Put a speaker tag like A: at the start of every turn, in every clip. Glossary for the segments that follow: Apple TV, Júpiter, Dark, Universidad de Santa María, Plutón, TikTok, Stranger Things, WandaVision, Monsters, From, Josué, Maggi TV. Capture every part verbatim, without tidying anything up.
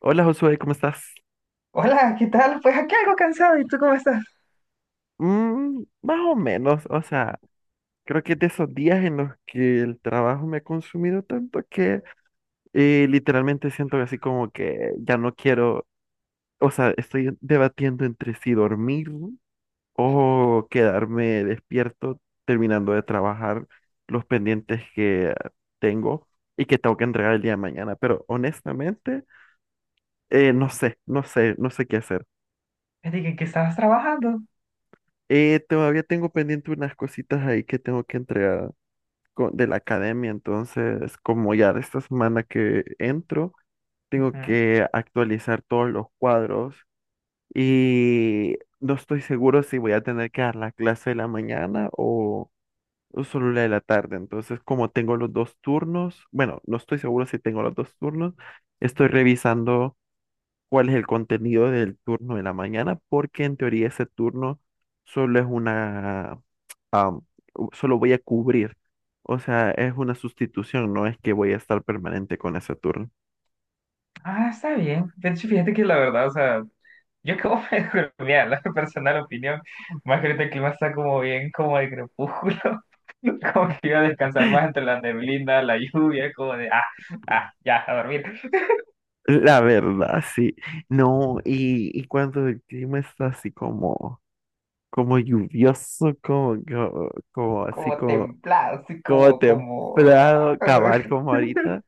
A: Hola Josué, ¿cómo estás?
B: Hola, ¿qué tal? Pues aquí algo cansado, ¿y tú cómo estás?
A: Mm, más o menos, o sea, creo que es de esos días en los que el trabajo me ha consumido tanto que eh, literalmente siento así como que ya no quiero, o sea, estoy debatiendo entre si dormir o quedarme despierto terminando de trabajar los pendientes que tengo y que tengo que entregar el día de mañana, pero honestamente, eh, no sé, no sé, no sé qué hacer.
B: Me dije que estabas trabajando.
A: Eh, todavía tengo pendiente unas cositas ahí que tengo que entregar co- de la academia, entonces como ya de esta semana que entro, tengo
B: Ujú.
A: que actualizar todos los cuadros y no estoy seguro si voy a tener que dar la clase de la mañana o, o solo la de la tarde, entonces como tengo los dos turnos, bueno, no estoy seguro si tengo los dos turnos, estoy revisando cuál es el contenido del turno de la mañana, porque en teoría ese turno solo es una, am, u- solo voy a cubrir. O sea, es una sustitución, no es que voy a estar permanente con ese turno.
B: Ah, está bien. De hecho, fíjate que la verdad, o sea, yo acabo de mira, la personal opinión, más que ahorita el clima está como bien, como de crepúsculo, como que iba a descansar más entre la neblina, la lluvia, como de, ah, ah, ya, a dormir,
A: La verdad, sí. No, y, y cuando el clima está así como, como lluvioso, como, como, como así
B: como
A: como
B: templado, así
A: como
B: como, como,
A: templado,
B: ah,
A: acabar como ahorita.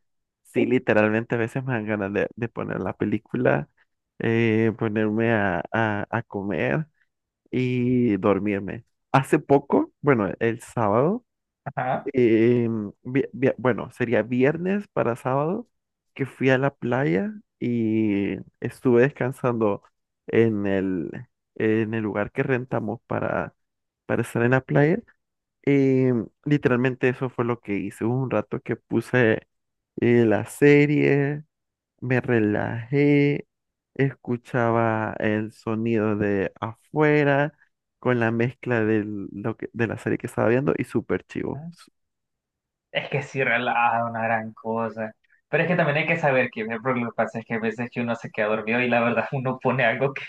A: Sí, literalmente a veces me dan ganas de, de poner la película, eh, ponerme a, a, a comer y dormirme. Hace poco, bueno, el sábado, eh, vi- vi- bueno, sería viernes para sábado, que fui a la playa y estuve descansando en el, en el lugar que rentamos para, para estar en la playa. Y literalmente eso fue lo que hice. Hubo un rato que puse eh, la serie, me relajé, escuchaba el sonido de afuera con la mezcla de, lo que, de la serie que estaba viendo y súper chivo.
B: ajá. Es que sí relaja una gran cosa. Pero es que también hay que saber que por lo que pasa es que a veces que uno se queda dormido y la verdad uno pone algo que,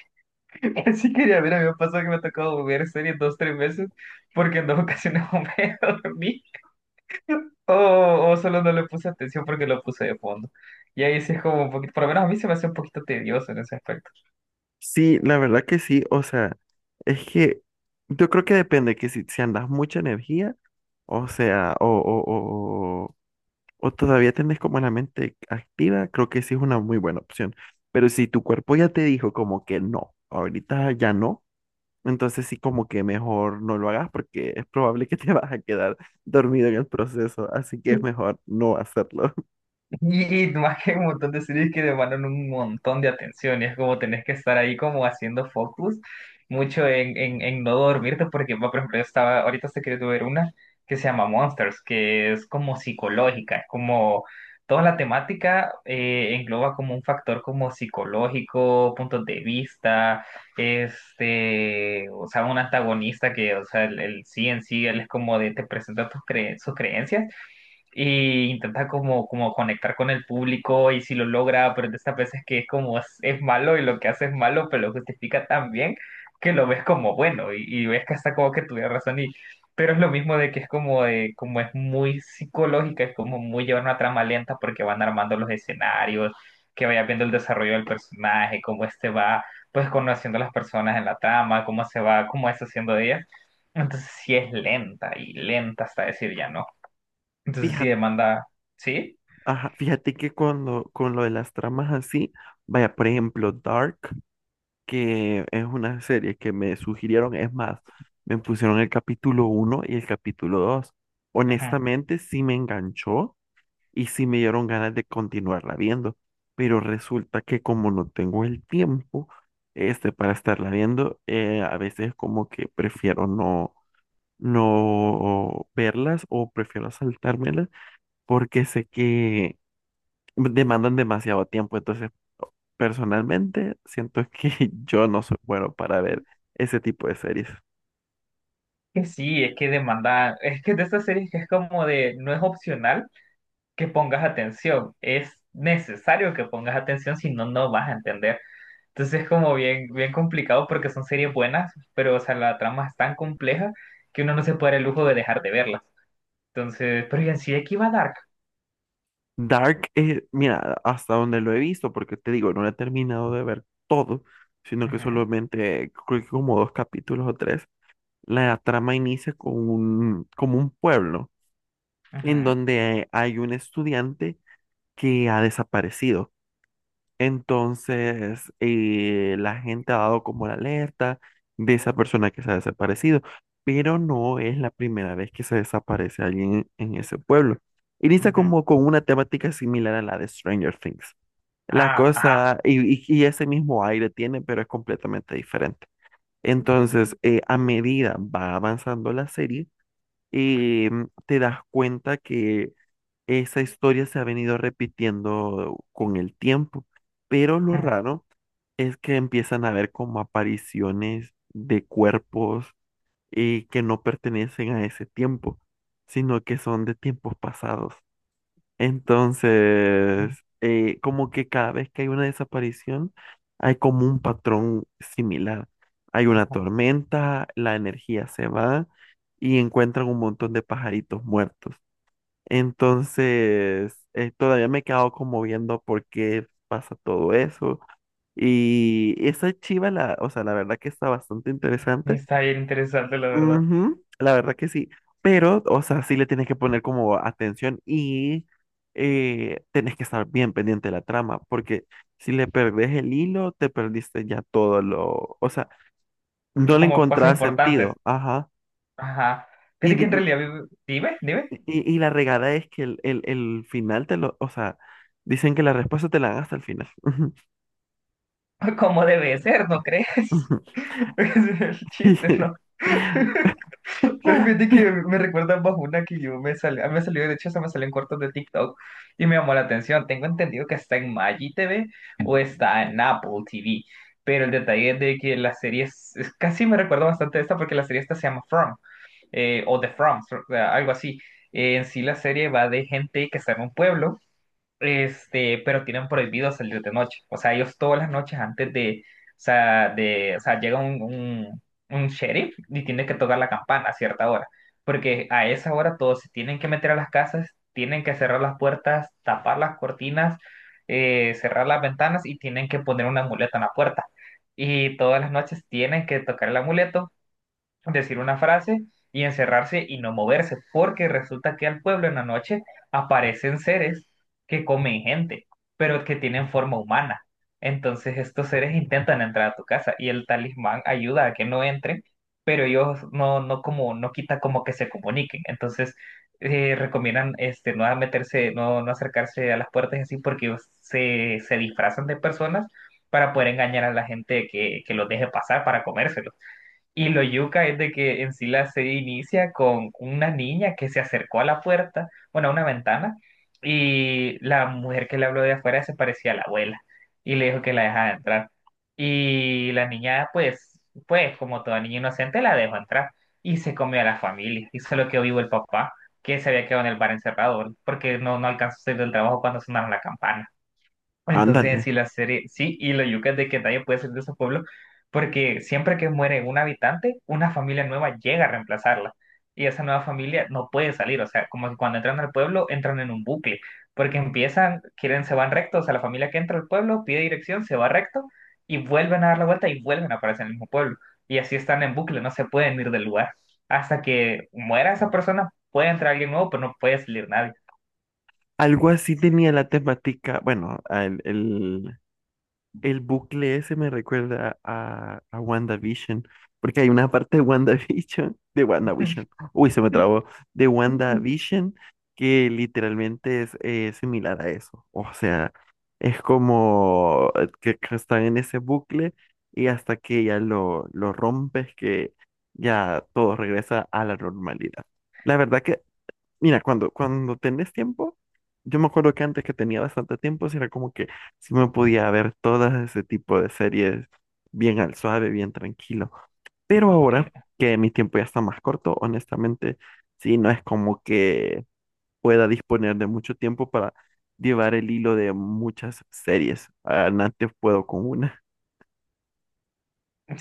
B: que sí quería ver. A mí me pasó que me ha tocado ver series dos, tres veces porque en dos ocasiones me dormí o, o solo no le puse atención porque lo puse de fondo. Y ahí sí es como un poquito, por lo menos a mí se me hace un poquito tedioso en ese aspecto.
A: Sí, la verdad que sí. O sea, es que yo creo que depende que si, si andas mucha energía, o sea, o, o, o o todavía tenés como la mente activa, creo que sí es una muy buena opción. Pero si tu cuerpo ya te dijo como que no, ahorita ya no, entonces sí como que mejor no lo hagas porque es probable que te vas a quedar dormido en el proceso, así que es mejor no hacerlo.
B: Y más que hay un montón de series que demandan un montón de atención, y es como tenés que estar ahí como haciendo focus mucho en, en, en no dormirte, porque va, por ejemplo, yo estaba, ahorita estoy queriendo ver una que se llama Monsters, que es como psicológica, es como toda la temática eh, engloba como un factor como psicológico, puntos de vista, este, o sea, un antagonista que, o sea, el, el sí en sí, él es como de, te presenta tus cre- sus creencias e intenta como, como conectar con el público y si lo logra, pero de estas veces que es como es, es malo y lo que hace es malo, pero lo justifica tan bien que lo ves como bueno y, y ves que hasta como que tuviera razón y pero es lo mismo de que es como de, como es muy psicológica, es como muy llevar una trama lenta porque van armando los escenarios, que vaya viendo el desarrollo del personaje, cómo este va pues conociendo a las personas en la trama, cómo se va, cómo es haciendo de ellas. Entonces sí es lenta y lenta hasta decir ya no. Entonces sí
A: Fíjate,
B: demanda, ¿sí?
A: ajá, fíjate que cuando, con lo de las tramas así, vaya, por ejemplo, Dark, que es una serie que me sugirieron, es más, me pusieron el capítulo uno y el capítulo dos.
B: Ajá.
A: Honestamente, sí me enganchó y sí me dieron ganas de continuarla viendo, pero resulta que como no tengo el tiempo este para estarla viendo, eh, a veces como que prefiero no no verlas o prefiero saltármelas porque sé que demandan demasiado tiempo, entonces personalmente siento que yo no soy bueno para ver ese tipo de series.
B: Que sí, es que demanda, es que de estas series que es como de, no es opcional que pongas atención, es necesario que pongas atención, si no, no vas a entender. Entonces es como bien, bien complicado porque son series buenas, pero o sea, la trama es tan compleja que uno no se puede dar el lujo de dejar de verlas. Entonces, pero y en sí, aquí va Dark.
A: Dark, eh, mira, hasta donde lo he visto, porque te digo, no lo he terminado de ver todo, sino que
B: Ajá,
A: solamente creo que como dos capítulos o tres. La trama inicia con un, como un pueblo en
B: ajá,
A: donde hay un estudiante que ha desaparecido. Entonces, eh, la gente ha dado como la alerta de esa persona que se ha desaparecido, pero no es la primera vez que se desaparece alguien en ese pueblo. Inicia
B: ajá.
A: como con una temática similar a la de Stranger Things. La
B: Ah, ajá.
A: cosa, y, y- y ese mismo aire tiene, pero es completamente diferente. Entonces, eh, a medida va avanzando la serie, eh, te das cuenta que esa historia se ha venido repitiendo con el tiempo, pero lo
B: Ajá.
A: raro es que empiezan a ver como apariciones de cuerpos eh, que no pertenecen a ese tiempo, sino que son de tiempos pasados. Entonces, eh, como que cada vez que hay una desaparición, hay como un patrón similar. Hay una tormenta, la energía se va y encuentran un montón de pajaritos muertos. Entonces, eh, todavía me he quedado como viendo por qué pasa todo eso. Y esa chiva, la, o sea, la verdad que está bastante interesante.
B: Está bien interesante, la verdad.
A: Ujú, la verdad que sí, pero, o sea, sí le tienes que poner como atención y eh, tenés que estar bien pendiente de la trama, porque si le perdés el hilo, te perdiste ya todo lo, o sea, no le
B: Como cosas
A: encontrás
B: importantes.
A: sentido, ajá.
B: Ajá.
A: Y,
B: Fíjate que en
A: di-
B: realidad, vive- dime, dime,
A: y, y- y la regada es que el, el, el final te lo, o sea, dicen que la respuesta te la dan hasta el final.
B: cómo debe ser, ¿no crees? Ese es el chiste, ¿no? Pero fíjate que me recuerda bajo una que yo me salió, me salió, de hecho, se me salió en cortos de TikTok y me llamó la atención. Tengo entendido que está en Maggi T V o está en Apple T V, pero el detalle es de que la serie es, es- casi me recuerda bastante a esta porque la serie esta se llama From eh, o The From, fr- algo así. Eh, en sí, la serie va de gente que está en un pueblo. Este, pero tienen prohibido salir de noche. O sea, ellos todas las noches antes de, o sea, de, o sea, llega un, un, un sheriff y tiene que tocar la campana a cierta hora. Porque a esa hora todos se tienen que meter a las casas, tienen que cerrar las puertas, tapar las cortinas, eh, cerrar las ventanas y tienen que poner un amuleto en la puerta. Y todas las noches tienen que tocar el amuleto, decir una frase y encerrarse y no moverse, porque resulta que al pueblo en la noche aparecen seres que comen gente, pero que tienen forma humana. Entonces estos seres intentan entrar a tu casa y el talismán ayuda a que no entren, pero ellos no, no como, no quita como que se comuniquen. Entonces eh, recomiendan este, no meterse, no, no acercarse a las puertas y así porque ellos se, se disfrazan de personas para poder engañar a la gente que, que los deje pasar para comérselos. Y lo yuca es de que en sí la serie inicia con una niña que se acercó a la puerta, bueno, a una ventana, y la mujer que le habló de afuera se parecía a la abuela y le dijo que la dejara entrar. Y la niña, pues, pues, como toda niña inocente, la dejó entrar y se comió a la familia y solo quedó vivo el papá, que se había quedado en el bar encerrado porque no, no alcanzó a salir del trabajo cuando sonaron la campana. Entonces,
A: Ándale.
B: si la serie, sí, y lo yuca es de que nadie puede ser de ese pueblo, porque siempre que muere un habitante, una familia nueva llega a reemplazarla. Y esa nueva familia no puede salir, o sea, como que cuando entran al pueblo, entran en un bucle, porque empiezan, quieren, se van recto, o sea, la familia que entra al pueblo pide dirección, se va recto, y vuelven a dar la vuelta y vuelven a aparecer en el mismo pueblo. Y así están en bucle, no se pueden ir del lugar. Hasta que muera esa persona, puede entrar alguien nuevo, pero no puede salir nadie.
A: Algo así tenía la temática, bueno, el, el- el bucle ese me recuerda a, a WandaVision, porque hay una parte de WandaVision, de WandaVision, uy, se me trabó, de WandaVision, que literalmente es eh, similar a eso. O sea, es como eh, que, que están en ese bucle y hasta que ya lo, lo rompes, que ya todo regresa a la normalidad. La verdad que mira, cuando, cuando tenés tiempo, yo me acuerdo que antes que tenía bastante tiempo, sí era como que sí me podía ver todas ese tipo de series bien al suave, bien tranquilo. Pero
B: Eh,
A: ahora que mi tiempo ya está más corto, honestamente, sí, no es como que pueda disponer de mucho tiempo para llevar el hilo de muchas series. Ah, antes puedo con una,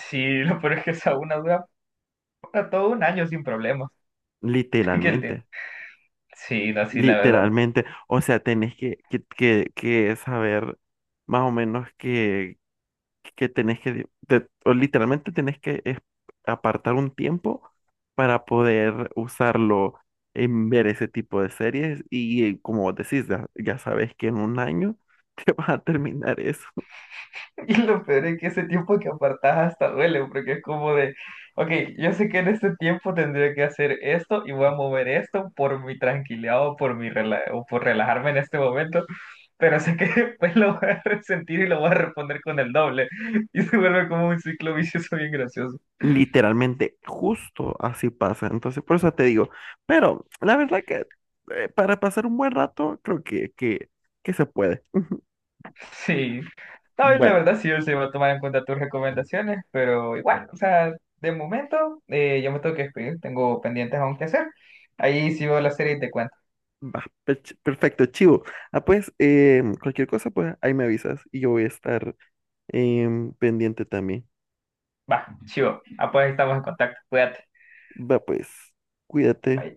B: Sí, lo peor es que esa es una duda. No, todo un año sin problemas. Aquel
A: literalmente,
B: tiempo. Sí, no, sí, la verdad.
A: literalmente. O sea, tenés que, que, que, que saber más o menos qué que tenés que, te- o literalmente tenés que es- apartar un tiempo para poder usarlo en ver ese tipo de series y eh, como vos decís, ya, ya sabes que en un año te vas a terminar eso.
B: Y lo peor es que ese tiempo que apartás hasta duele, porque es como de, ok, yo sé que en este tiempo tendría que hacer esto y voy a mover esto por mi tranquilidad o por mi rela- o por relajarme en este momento, pero sé que después lo voy a resentir y lo voy a responder con el doble. Y se vuelve como un ciclo vicioso bien gracioso.
A: Literalmente, justo así pasa. Entonces, por eso te digo, pero la verdad que eh, para pasar un buen rato, creo que, que, que se puede.
B: Sí, no, y la
A: Bueno,
B: verdad sí, yo sí voy a tomar en cuenta tus recomendaciones, pero igual, o sea, de momento eh, yo me tengo que despedir, tengo pendientes aún que hacer. Ahí sí veo la serie y te cuento.
A: va, pech- perfecto, chivo. Ah, pues, em, cualquier cosa, pues ahí me avisas y yo voy a estar em, pendiente también.
B: Va, chivo, ah, pues estamos en contacto, cuídate.
A: Va pues, cuídate.
B: Bye.